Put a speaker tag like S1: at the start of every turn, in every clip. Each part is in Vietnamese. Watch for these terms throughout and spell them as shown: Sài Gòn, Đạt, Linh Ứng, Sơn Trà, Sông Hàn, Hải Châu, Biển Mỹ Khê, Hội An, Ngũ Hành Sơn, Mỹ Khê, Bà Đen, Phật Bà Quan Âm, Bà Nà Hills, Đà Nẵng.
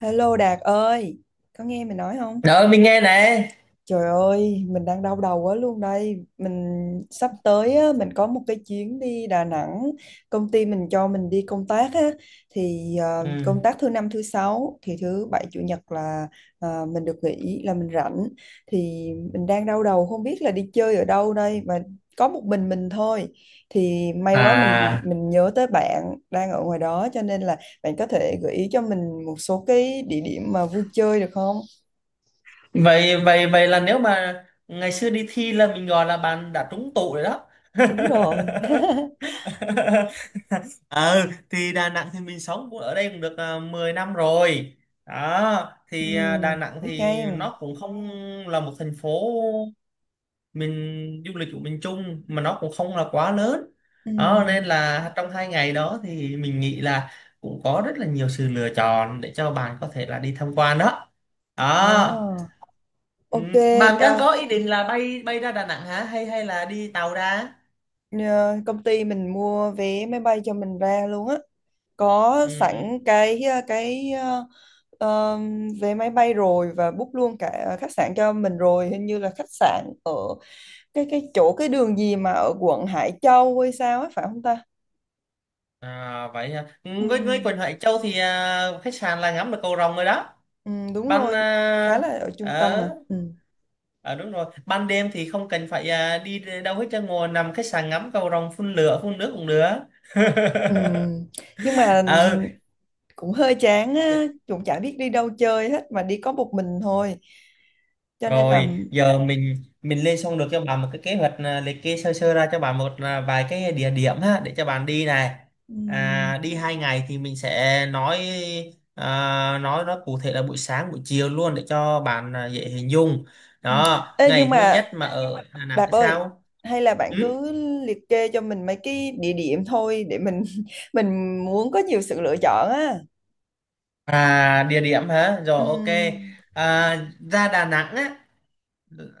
S1: Hello Đạt ơi, có nghe mình nói không?
S2: Rồi mình nghe này.
S1: Trời ơi, mình đang đau đầu quá luôn đây. Mình sắp tới á, mình có một cái chuyến đi Đà Nẵng. Công ty mình cho mình đi công tác á, thì
S2: Ừ.
S1: công tác thứ năm thứ sáu thì thứ bảy chủ nhật là mình được nghỉ là mình rảnh. Thì mình đang đau đầu không biết là đi chơi ở đâu đây mà có một mình thôi. Thì may quá mình
S2: À,
S1: mình nhớ tới bạn đang ở ngoài đó, cho nên là bạn có thể gợi ý cho mình một số cái địa điểm mà vui chơi được không?
S2: vậy vậy vậy là nếu mà ngày xưa đi thi là mình gọi là bạn đã trúng tụ rồi đó.
S1: Đúng rồi.
S2: Ờ thì Đà Nẵng thì mình sống cũng ở đây cũng được à, 10 năm rồi. Đó,
S1: Ừ,
S2: thì à, Đà Nẵng
S1: biết
S2: thì
S1: ngay mà.
S2: nó cũng không là một thành phố mình du lịch của miền Trung mà nó cũng không là quá lớn
S1: Ừ.
S2: đó, nên là trong 2 ngày đó thì mình nghĩ là cũng có rất là nhiều sự lựa chọn để cho bạn có thể là đi tham quan đó.
S1: Ờ,
S2: Đó, ừ.
S1: ok.
S2: Bạn đang
S1: ờ,
S2: có ý định là bay bay ra Đà Nẵng hả, hay hay là đi tàu ra?
S1: Nhờ công ty mình mua vé máy bay cho mình ra luôn á. Có
S2: Ừ. Ừ.
S1: sẵn cái vé máy bay rồi và book luôn cả khách sạn cho mình rồi. Hình như là khách sạn ở cái chỗ cái đường gì mà ở quận Hải Châu hay sao ấy phải không ta?
S2: À, vậy hả?
S1: Ừ,
S2: Ừ, với quần Hải Châu thì à, khách sạn là ngắm được cầu rồng rồi đó
S1: ừ, đúng
S2: bạn,
S1: rồi. Khá là
S2: à,
S1: ở trung tâm
S2: ở.
S1: mà. Ừ.
S2: À, đúng rồi, ban đêm thì không cần phải à, đi đâu hết, cho ngồi nằm khách sạn ngắm cầu rồng phun lửa phun nước cũng được.
S1: Ừ. Nhưng mà
S2: Ờ
S1: cũng hơi chán á, cũng chả biết đi đâu chơi hết mà đi có một mình thôi, cho nên là
S2: rồi, giờ mình lên xong được cho bạn một cái kế hoạch, à, liệt kê sơ sơ ra cho bạn một à, vài cái địa điểm ha, để cho bạn đi này.
S1: ừm,
S2: À, đi 2 ngày thì mình sẽ nói, à, nói nó cụ thể là buổi sáng buổi chiều luôn để cho bạn à, dễ hình dung.
S1: ừm.
S2: Đó,
S1: Ê, nhưng
S2: ngày thứ
S1: mà
S2: nhất mà ở Đà
S1: Đạt
S2: Nẵng
S1: ơi,
S2: sao.
S1: hay là bạn
S2: Ừ?
S1: cứ liệt kê cho mình mấy cái địa điểm thôi, để mình mình muốn có nhiều sự lựa chọn á.
S2: À, địa điểm hả? Rồi, ok.
S1: Ừm,
S2: À, ra Đà Nẵng á,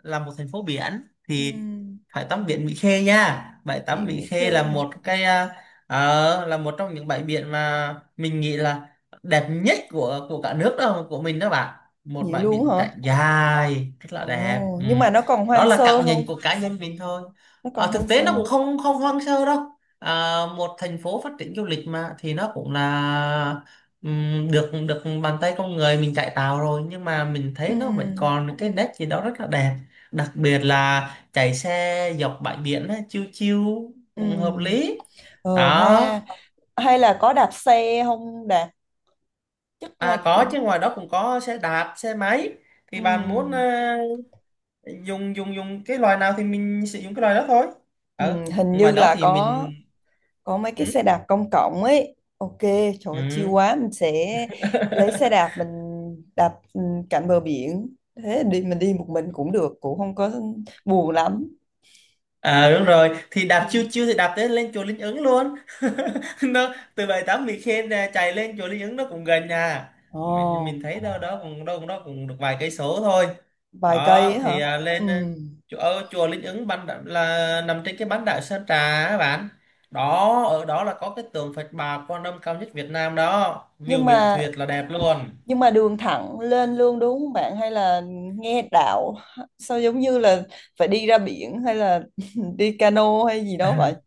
S2: là một thành phố biển thì
S1: ừm,
S2: phải tắm biển Mỹ Khê nha. Bãi tắm
S1: Biển
S2: Mỹ
S1: Mỹ
S2: Khê là
S1: Khê hả?
S2: một cái à, ờ, là một trong những bãi biển mà mình nghĩ là đẹp nhất của cả nước đó, của mình đó bạn. Một
S1: Vậy
S2: bãi
S1: luôn hả?
S2: biển trải dài rất là đẹp.
S1: Ồ
S2: Ừ.
S1: nhưng mà nó còn
S2: Đó
S1: hoang
S2: là
S1: sơ
S2: cảm
S1: không?
S2: nhận của cá nhân mình thôi.
S1: Nó còn
S2: Ờ,
S1: hoang
S2: thực tế
S1: sơ
S2: nó cũng
S1: không?
S2: không không hoang sơ đâu. À, một thành phố phát triển du lịch mà, thì nó cũng là, ừm, được được bàn tay con người mình chạy tàu rồi, nhưng mà mình thấy nó vẫn
S1: Ừm,
S2: còn cái nét gì đó rất là đẹp, đặc biệt là chạy xe dọc bãi biển á, chiêu chiêu cũng hợp
S1: ừm.
S2: lý
S1: Ờ ha,
S2: đó.
S1: hay là có đạp xe không Đạt, chắc là
S2: À có chứ,
S1: cũng.
S2: ngoài đó cũng có xe đạp xe máy,
S1: Ừ.
S2: thì bạn muốn ờ, dùng dùng dùng cái loại nào thì mình sử dụng cái loại đó thôi.
S1: Ừ,
S2: Ờ
S1: hình như
S2: ngoài đó
S1: là
S2: thì
S1: có
S2: mình,
S1: có mấy cái xe
S2: ừ,
S1: đạp công cộng ấy. Ok, trời
S2: ừ.
S1: ơi, chill quá, mình sẽ lấy xe đạp mình đạp cạnh bờ biển. Thế đi mình đi một mình cũng được, cũng không có buồn lắm.
S2: À đúng rồi, thì
S1: Ừ.
S2: đạp chiêu chiêu thì đạp tới lên chùa Linh Ứng luôn. Nó từ bãi tắm Mỹ Khê ra chạy lên chùa Linh Ứng nó cũng gần nhà. Mình
S1: Ồ,
S2: thấy đâu đó cũng được vài cây số thôi.
S1: vài cây ấy
S2: Đó thì
S1: hả?
S2: à,
S1: Ừ.
S2: lên à, chùa ở chùa Linh Ứng là nằm trên cái bán đảo Sơn Trà á bạn. Đó, ở đó là có cái tượng Phật Bà Quan Âm cao nhất Việt Nam đó.
S1: Nhưng
S2: View biển
S1: mà
S2: tuyệt là đẹp luôn.
S1: nhưng mà đường thẳng lên luôn đúng không bạn, hay là nghe đạo sao giống như là phải đi ra biển hay là đi cano hay gì đó vậy?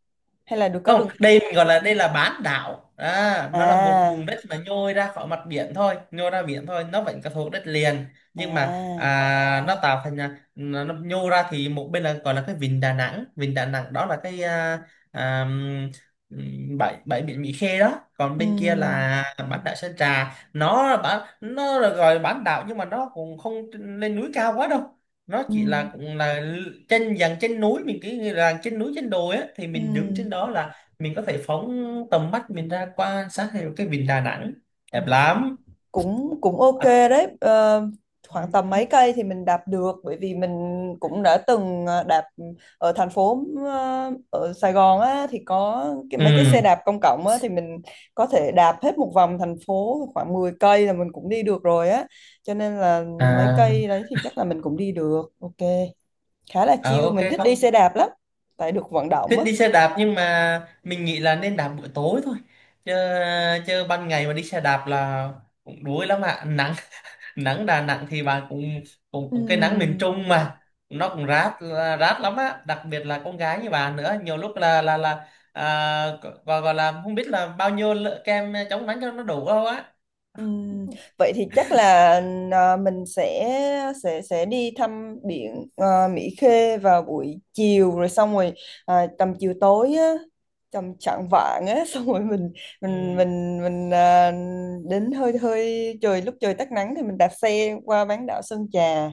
S1: Hay là được có
S2: Không,
S1: đường thẳng?
S2: đây mình gọi là đây là bán đảo à, đó là một
S1: À.
S2: vùng đất mà nhô ra khỏi mặt biển thôi, nhô ra biển thôi, nó vẫn có thuộc đất liền, nhưng mà
S1: À,
S2: à, nó tạo thành là- nó nhô ra thì một bên là gọi là cái vịnh Đà Nẵng, vịnh Đà Nẵng đó là cái à, à, bãi bãi biển Mỹ Khê đó, còn bên kia
S1: ừ
S2: là bán đảo Sơn Trà. Nó là bán, nó là gọi là bán đảo nhưng mà nó cũng không lên núi cao quá đâu, nó
S1: ừ
S2: chỉ là cũng là trên dàn trên núi, mình cứ như là trên núi trên đồi á, thì
S1: ừ,
S2: mình đứng trên đó là mình có thể phóng tầm mắt mình ra quan sát thấy cái vịnh Đà Nẵng đẹp lắm.
S1: cũng cũng ok
S2: À,
S1: đấy. Ờ, khoảng tầm mấy cây thì mình đạp được, bởi vì mình cũng đã từng đạp ở thành phố ở Sài Gòn á, thì có cái mấy cái xe
S2: ừ,
S1: đạp công cộng á, thì mình có thể đạp hết một vòng thành phố khoảng 10 cây là mình cũng đi được rồi á. Cho nên là mấy
S2: à,
S1: cây đấy thì chắc là mình cũng đi được. Ok. Khá là
S2: à
S1: chill,
S2: ok.
S1: mình thích đi xe
S2: Không
S1: đạp lắm. Tại được vận động
S2: thích
S1: á.
S2: đi xe đạp, nhưng mà mình nghĩ là nên đạp buổi tối thôi, chứ chứ ban ngày mà đi xe đạp là cũng đuối lắm ạ, nắng. Nắng Đà Nẵng thì bạn cũng cũng,
S1: Ừ.
S2: cái nắng miền Trung mà, nó cũng rát, rát lắm á, đặc biệt là con gái như bạn nữa, nhiều lúc là là à, gọi là không biết là bao nhiêu lợ- kem chống nắng cho nó đủ không á.
S1: Ừm, vậy thì chắc là mình sẽ đi thăm biển Mỹ Khê vào buổi chiều, rồi xong rồi tầm chiều tối á, tầm chạng vạng á, xong rồi mình mình
S2: Ừ.
S1: mình mình đến hơi hơi trời, lúc trời tắt nắng thì mình đạp xe qua bán đảo Sơn Trà,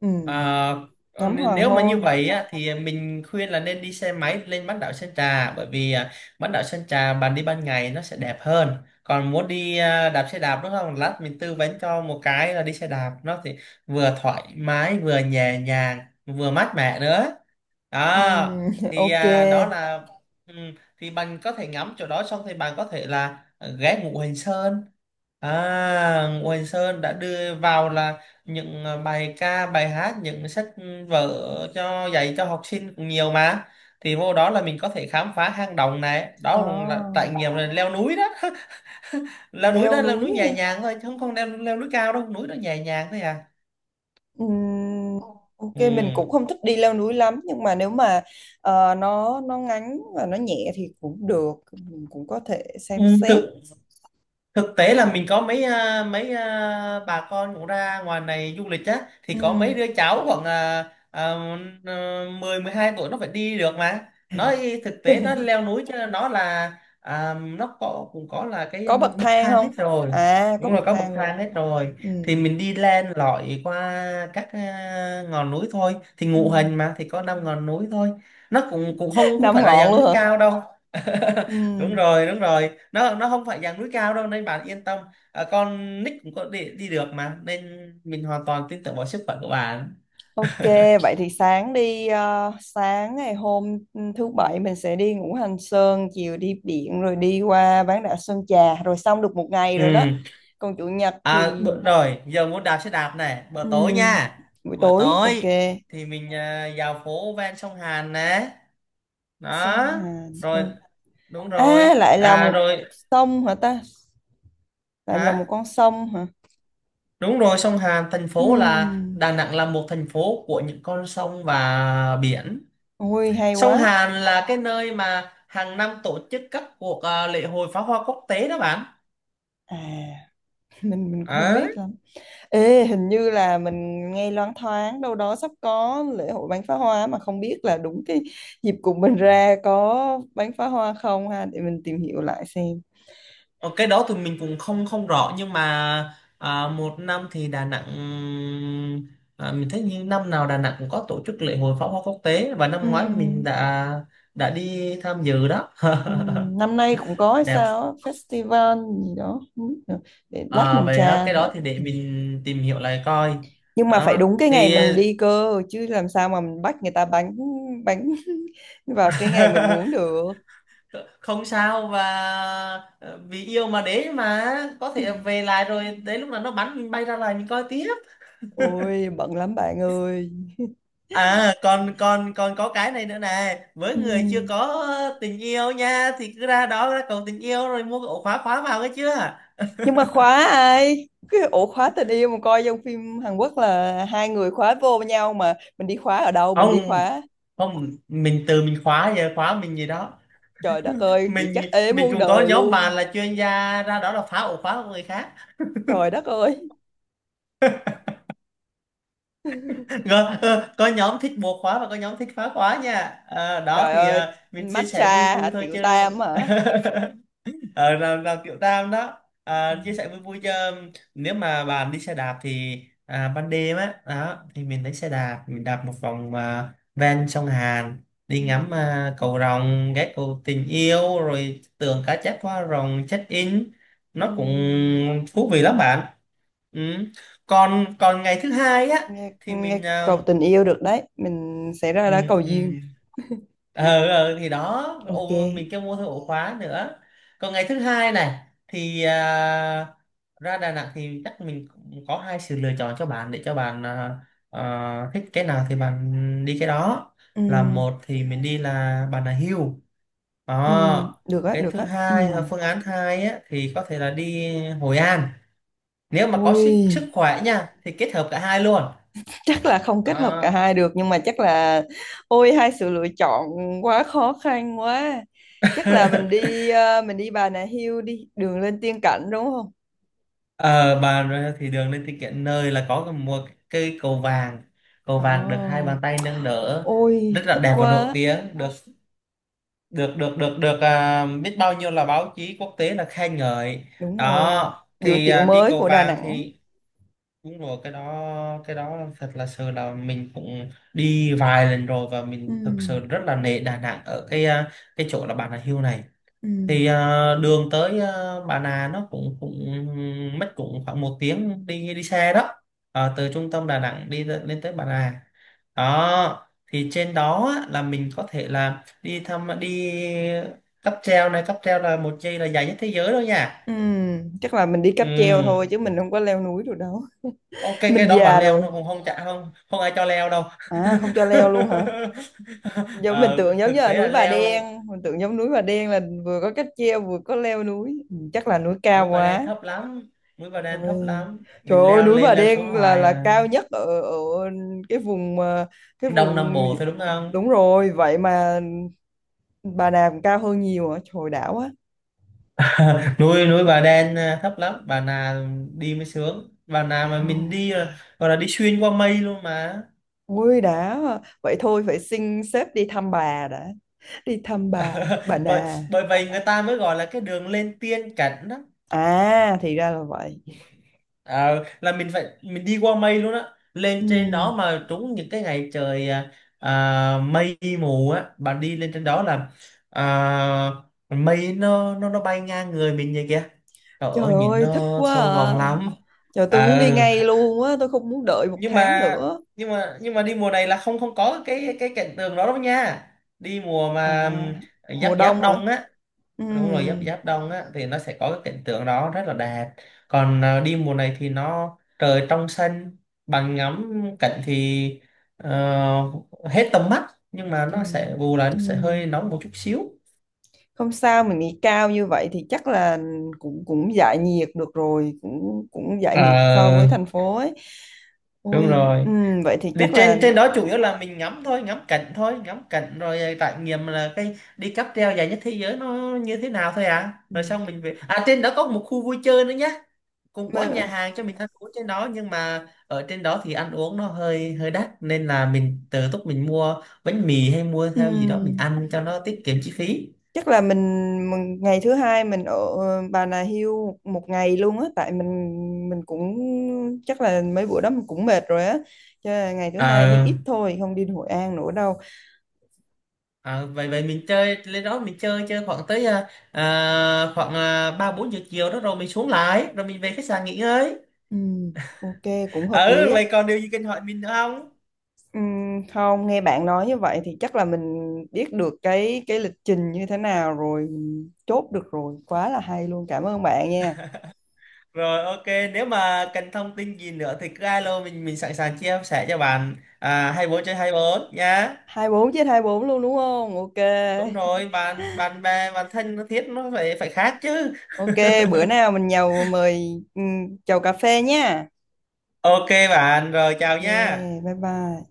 S1: ừm,
S2: Ờ,
S1: ngắm hoàng
S2: nếu mà như
S1: hôn.
S2: vậy á, thì mình khuyên là nên đi xe máy lên bán đảo Sơn Trà, bởi vì à, bán đảo Sơn Trà bạn đi ban ngày nó sẽ đẹp hơn. Còn muốn đi à, đạp xe đạp đúng không, lát mình tư vấn cho một cái là đi xe đạp nó thì vừa thoải mái vừa nhẹ nhàng, vừa mát mẻ nữa. Đó thì
S1: Ok.
S2: à, đó là, ừ, thì bạn có thể ngắm chỗ đó xong thì bạn có thể là à, ghé Ngũ Hành Sơn. À, Nguyễn Sơn đã đưa vào là những ờ, bài ca, bài hát, những sách vở cho dạy cho học sinh cũng nhiều mà. Thì vô đó là mình có thể khám phá hang động này, đó cũng là trải
S1: À,
S2: nghiệm là leo núi đó. Leo núi
S1: leo
S2: đó, leo
S1: núi
S2: núi
S1: hả?
S2: nhẹ nhàng thôi, chứ không không leo leo núi cao đâu, núi đó nhẹ nhàng thôi à.
S1: Ừm, ok
S2: Ừ.
S1: mình cũng không thích đi leo núi lắm, nhưng mà nếu mà nó ngắn và nó nhẹ thì cũng được, mình cũng có thể
S2: Ừ,
S1: xem xét.
S2: tự thực tế là mình có mấy à, mấy à, bà con cũng ra ngoài này du lịch á, thì có mấy
S1: Ừm.
S2: đứa cháu khoảng uh, 10-12 tuổi nó phải đi được mà, nó y- thực tế nó leo núi, cho nên nó là à, nó có cũng có là cái
S1: Có bậc
S2: bậc
S1: thang
S2: thang hết
S1: không?
S2: rồi,
S1: À có
S2: đúng
S1: bậc
S2: là có bậc
S1: thang rồi.
S2: thang hết rồi. Thì
S1: Ừm.
S2: mình đi lên lọi qua các à, ngọn núi thôi, thì ngụ hình
S1: Ừm.
S2: mà thì có 5 ngọn núi thôi, nó cũng cũng không cũng
S1: Năm
S2: phải là
S1: ngọn
S2: dạng
S1: luôn
S2: núi
S1: hả?
S2: cao đâu. Đúng
S1: Ừm.
S2: rồi đúng rồi, nó không phải dạng núi cao đâu nên bạn yên tâm. À, con nick cũng có đi, được mà, nên mình hoàn toàn tin tưởng vào sức khỏe của bạn.
S1: Ok vậy thì sáng đi, sáng ngày hôm thứ bảy mình sẽ đi Ngũ Hành Sơn, chiều đi biển rồi đi qua bán đảo Sơn Trà, rồi xong được một ngày
S2: Ừ.
S1: rồi đó. Còn chủ nhật
S2: À
S1: thì
S2: bữa, rồi giờ muốn đạp xe đạp này bữa tối
S1: ừm,
S2: nha.
S1: buổi
S2: Bữa
S1: tối ok.
S2: tối thì mình à, vào phố ven sông Hàn nè.
S1: Sông
S2: Đó
S1: Hàn
S2: rồi,
S1: oh.
S2: đúng
S1: À
S2: rồi,
S1: lại là
S2: à
S1: một
S2: rồi.
S1: sông hả ta? Lại là một
S2: Hả?
S1: con sông hả?
S2: Đúng rồi, sông Hàn, thành phố là
S1: Ừm,
S2: Đà Nẵng là một thành phố của những con sông và biển.
S1: ui hay quá.
S2: Sông Hàn là cái nơi mà hàng năm tổ chức các cuộc à, lễ hội pháo hoa quốc tế đó bạn.
S1: À mình cũng không
S2: Ờ.
S1: biết lắm. Ê hình như là mình nghe loáng thoáng đâu đó sắp có lễ hội bắn phá hoa, mà không biết là đúng cái dịp cùng mình ra có bắn phá hoa không ha, để mình tìm hiểu lại xem.
S2: Ờ, cái đó thì mình cũng không không rõ, nhưng mà à, một năm thì Đà Nẵng, à, mình thấy như năm nào Đà Nẵng cũng có tổ chức lễ hội pháo hoa quốc tế, và năm
S1: Ừ.
S2: ngoái mình đã đi tham dự đó.
S1: Ừ, năm nay cũng có hay
S2: Đẹp.
S1: sao á, festival gì đó không biết nữa. Để lát
S2: À,
S1: mình
S2: vậy á,
S1: tra
S2: cái
S1: thử.
S2: đó thì để
S1: Ừ.
S2: mình tìm hiểu lại coi.
S1: Nhưng mà phải
S2: Đó.
S1: đúng cái ngày
S2: Thì
S1: mình đi cơ chứ, làm sao mà mình bắt người ta bánh bánh vào cái ngày mình muốn được.
S2: không sao, và ờ, vì yêu mà, để mà có
S1: Ừ.
S2: thể về lại rồi đến lúc nào nó bắn mình bay ra lại mình coi tiếp.
S1: Ôi bận lắm bạn ơi.
S2: À còn còn còn có cái này nữa này, với
S1: Ừ.
S2: người chưa có tình yêu nha, thì cứ ra đó ra cầu tình yêu rồi mua cái ổ khóa khóa vào. Cái chưa
S1: Nhưng mà khóa ai, cái ổ khóa tình yêu mà coi trong phim Hàn Quốc là hai người khóa vô với nhau, mà mình đi khóa ở đâu, mình đi
S2: ông,
S1: khóa.
S2: không, mình từ mình khóa, về khóa mình gì đó.
S1: Trời đất ơi vậy
S2: mình
S1: chắc ế
S2: mình
S1: muôn
S2: cũng có
S1: đời
S2: nhóm bạn
S1: luôn.
S2: là chuyên gia ra đó là phá ổ khóa của người khác.
S1: Trời đất ơi.
S2: Có, ờ, có nhóm thích bộ khóa và có nhóm thích phá khóa nha. À, đó
S1: Trời
S2: thì à,
S1: ơi,
S2: mình chia
S1: matcha
S2: sẻ vui
S1: hả?
S2: vui thôi
S1: Tiểu
S2: chứ.
S1: tam hả?
S2: À, là kiểu tam đó,
S1: Ừ.
S2: à, chia sẻ vui vui chứ. Nếu mà bạn đi xe đạp thì à, ban đêm á đó thì mình lấy xe đạp mình đạp một vòng à, ven sông Hàn, đi ngắm à, cầu rồng, ghé cầu tình yêu rồi tượng cá chép hoa rồng check in, nó cũng
S1: Ừ.
S2: thú vị lắm bạn. Ừ. còn còn ngày thứ hai á
S1: Nghe,
S2: thì
S1: nghe
S2: mình à,
S1: cầu tình yêu được đấy. Mình sẽ ra đó
S2: ừ,
S1: cầu duyên.
S2: ừ, ờ, ờ, thì đó
S1: Ok.
S2: ổ, mình kêu mua thêm ổ khóa nữa. Còn ngày thứ hai này thì à, ra Đà Nẵng thì chắc mình cũng có hai sự lựa chọn cho bạn, để cho bạn à, à, thích cái nào thì bạn đi cái đó.
S1: Ừ.
S2: Là một thì mình đi là Bà Nà Hills.
S1: Ừ.
S2: Đó.
S1: Được á,
S2: Cái
S1: được
S2: thứ
S1: á. Ừ.
S2: hai là phương án hai á, thì có thể là đi Hội An. Nếu mà có
S1: Ôi,
S2: sức sức khỏe nha thì kết hợp cả hai luôn.
S1: chắc là không kết hợp cả
S2: À,
S1: hai được, nhưng mà chắc là ôi, hai sự lựa chọn quá khó khăn quá. Chắc là mình đi mình đi Bà Nà Hills đi, đường lên tiên cảnh đúng không?
S2: ờ, bà, thì đường lên thì kiện nơi là có một cây cầu vàng, cầu
S1: Ồ,
S2: vàng được hai bàn tay nâng đỡ rất
S1: ôi
S2: là
S1: thích
S2: đẹp và nổi
S1: quá.
S2: tiếng, được được được được được à, biết bao nhiêu là báo chí quốc tế là khen ngợi.
S1: Đúng rồi.
S2: Đó
S1: Biểu
S2: thì
S1: tượng
S2: à, đi
S1: mới
S2: cầu
S1: của Đà
S2: vàng
S1: Nẵng.
S2: thì đúng rồi, cái đó, cái đó thật là sự là mình cũng đi vài lần rồi, và
S1: Ừ.
S2: mình thực sự rất là nể Đà Nẵng ở cái à, cái chỗ là Bà Nà Hills này,
S1: Ừ.
S2: thì à, đường tới à, Bà Nà nó cũng cũng mất cũng khoảng 1 tiếng đi đi xe đó. Ờ, từ trung tâm Đà Nẵng đi lên lên tới Bà Nà. Đó thì trên đó á, là mình có thể là đi thăm đi cáp treo này, cáp treo là một dây là dài nhất thế giới đâu nha.
S1: Ừ, chắc là mình đi cáp treo thôi
S2: Ừ.
S1: chứ mình không có leo núi được đâu.
S2: Ok
S1: Mình
S2: cái đó bạn
S1: già
S2: leo, nó
S1: rồi.
S2: cũng không chả không không ai cho leo đâu.
S1: À, không cho leo luôn hả? Giống mình
S2: Ờ,
S1: tưởng giống
S2: thực
S1: như là
S2: tế là
S1: núi Bà
S2: leo,
S1: Đen, mình tưởng giống núi Bà Đen là vừa có cáp treo vừa có leo núi. Ừ, chắc là núi cao
S2: núi Bà Đen
S1: quá.
S2: thấp lắm, núi Bà Đen thấp
S1: Ôi.
S2: lắm
S1: Trời
S2: mình
S1: ơi,
S2: leo
S1: núi
S2: lên
S1: Bà
S2: leo xuống
S1: Đen
S2: hoài
S1: là
S2: à.
S1: cao nhất ở ở cái vùng mà- cái
S2: Đông Nam
S1: vùng
S2: Bộ thôi đúng không.
S1: đúng rồi, vậy mà Bà Nà cũng cao hơn nhiều hả? Trời đảo quá.
S2: Núi núi Bà Đen à, thấp lắm. Bà Nà đi mới sướng, Bà Nà mà mình
S1: Wow.
S2: đi là, gọi là đi xuyên qua mây luôn mà.
S1: Ui đã, vậy thôi phải xin sếp đi thăm bà đã, đi thăm bà bà
S2: bởi
S1: nà.
S2: bởi vậy người ta mới gọi là cái đường lên tiên cảnh đó.
S1: À thì ra là vậy.
S2: Ờ, là mình phải mình đi qua mây luôn á. Lên trên đó
S1: Ừm,
S2: mà trúng những cái ngày trời à, à, mây mù á, bạn đi lên trên đó là à, mây nó bay ngang người mình vậy kìa, trời
S1: trời
S2: ơi nhìn
S1: ơi
S2: nó
S1: thích quá
S2: sâu
S1: à,
S2: vòng lắm.
S1: trời
S2: Ờ,
S1: tôi muốn đi ngay luôn á, tôi không muốn đợi một
S2: nhưng
S1: tháng
S2: mà
S1: nữa.
S2: nhưng mà đi mùa này là không không có cái cạnh tường đó đâu nha. Đi mùa
S1: À
S2: mà giáp
S1: mùa
S2: giáp
S1: đông hả?
S2: đông á. Đúng rồi giáp
S1: Ừm,
S2: giáp đông á thì nó sẽ có cái cảnh tượng đó rất là đẹp. Còn à, đi mùa này thì nó trời trong xanh, bằng ngắm cảnh thì ờ, hết tầm mắt, nhưng mà nó
S1: trời.
S2: sẽ bù lại nó sẽ
S1: Ừm,
S2: hơi nóng một chút xíu.
S1: không sao mình nghỉ cao như vậy thì chắc là cũng cũng giải nhiệt được rồi, cũng cũng giải nhiệt so với
S2: Ờ
S1: thành phố ấy.
S2: đúng
S1: Ôi
S2: rồi.
S1: vậy thì
S2: Thì
S1: chắc là
S2: trên trên đó chủ yếu là mình ngắm thôi, ngắm cảnh thôi, ngắm cảnh rồi à, trải nghiệm là cái đi cáp treo dài nhất thế giới nó như thế nào thôi, à rồi
S1: ừm.
S2: xong mình về. À trên đó có một khu vui chơi nữa nhé, cũng có nhà hàng cho mình ăn uống trên đó, nhưng mà ở trên đó thì ăn uống nó hơi hơi đắt, nên là mình tự túc mình mua bánh mì hay mua theo gì đó mình
S1: Ừm,
S2: ăn cho nó tiết kiệm chi phí.
S1: chắc là mình ngày thứ hai mình ở Bà Nà Hills một một ngày luôn á, tại mình cũng chắc là mấy bữa đó mình cũng mệt rồi á, cho nên là ngày thứ
S2: Ờ
S1: hai đi ít thôi, không đi Hội An nữa đâu.
S2: ờ, vậy vậy mình chơi lên đó mình chơi chơi khoảng tới à, à, khoảng à, 3-4 giờ chiều đó, rồi mình xuống lại rồi mình về khách sạn nghỉ ngơi.
S1: Ừm, ok cũng hợp lý
S2: Ừ
S1: á.
S2: vậy còn điều gì cần hỏi mình nữa không?
S1: Không nghe bạn nói như vậy thì chắc là mình biết được cái lịch trình như thế nào rồi, mình chốt được rồi, quá là hay luôn, cảm ơn bạn nha.
S2: Rồi ok, nếu mà cần thông tin gì nữa thì cứ alo mình sẵn sàng chia sẻ cho bạn à, 24 trên 24 nhá.
S1: 24 trên 24 luôn đúng không, ok.
S2: Đúng rồi, bạn bạn bè bạn thân nó thiết nó phải phải khác chứ.
S1: Ok, bữa nào mình nhậu mời chầu cà phê nha.
S2: Ok bạn, rồi
S1: Ok,
S2: chào nha.
S1: bye bye.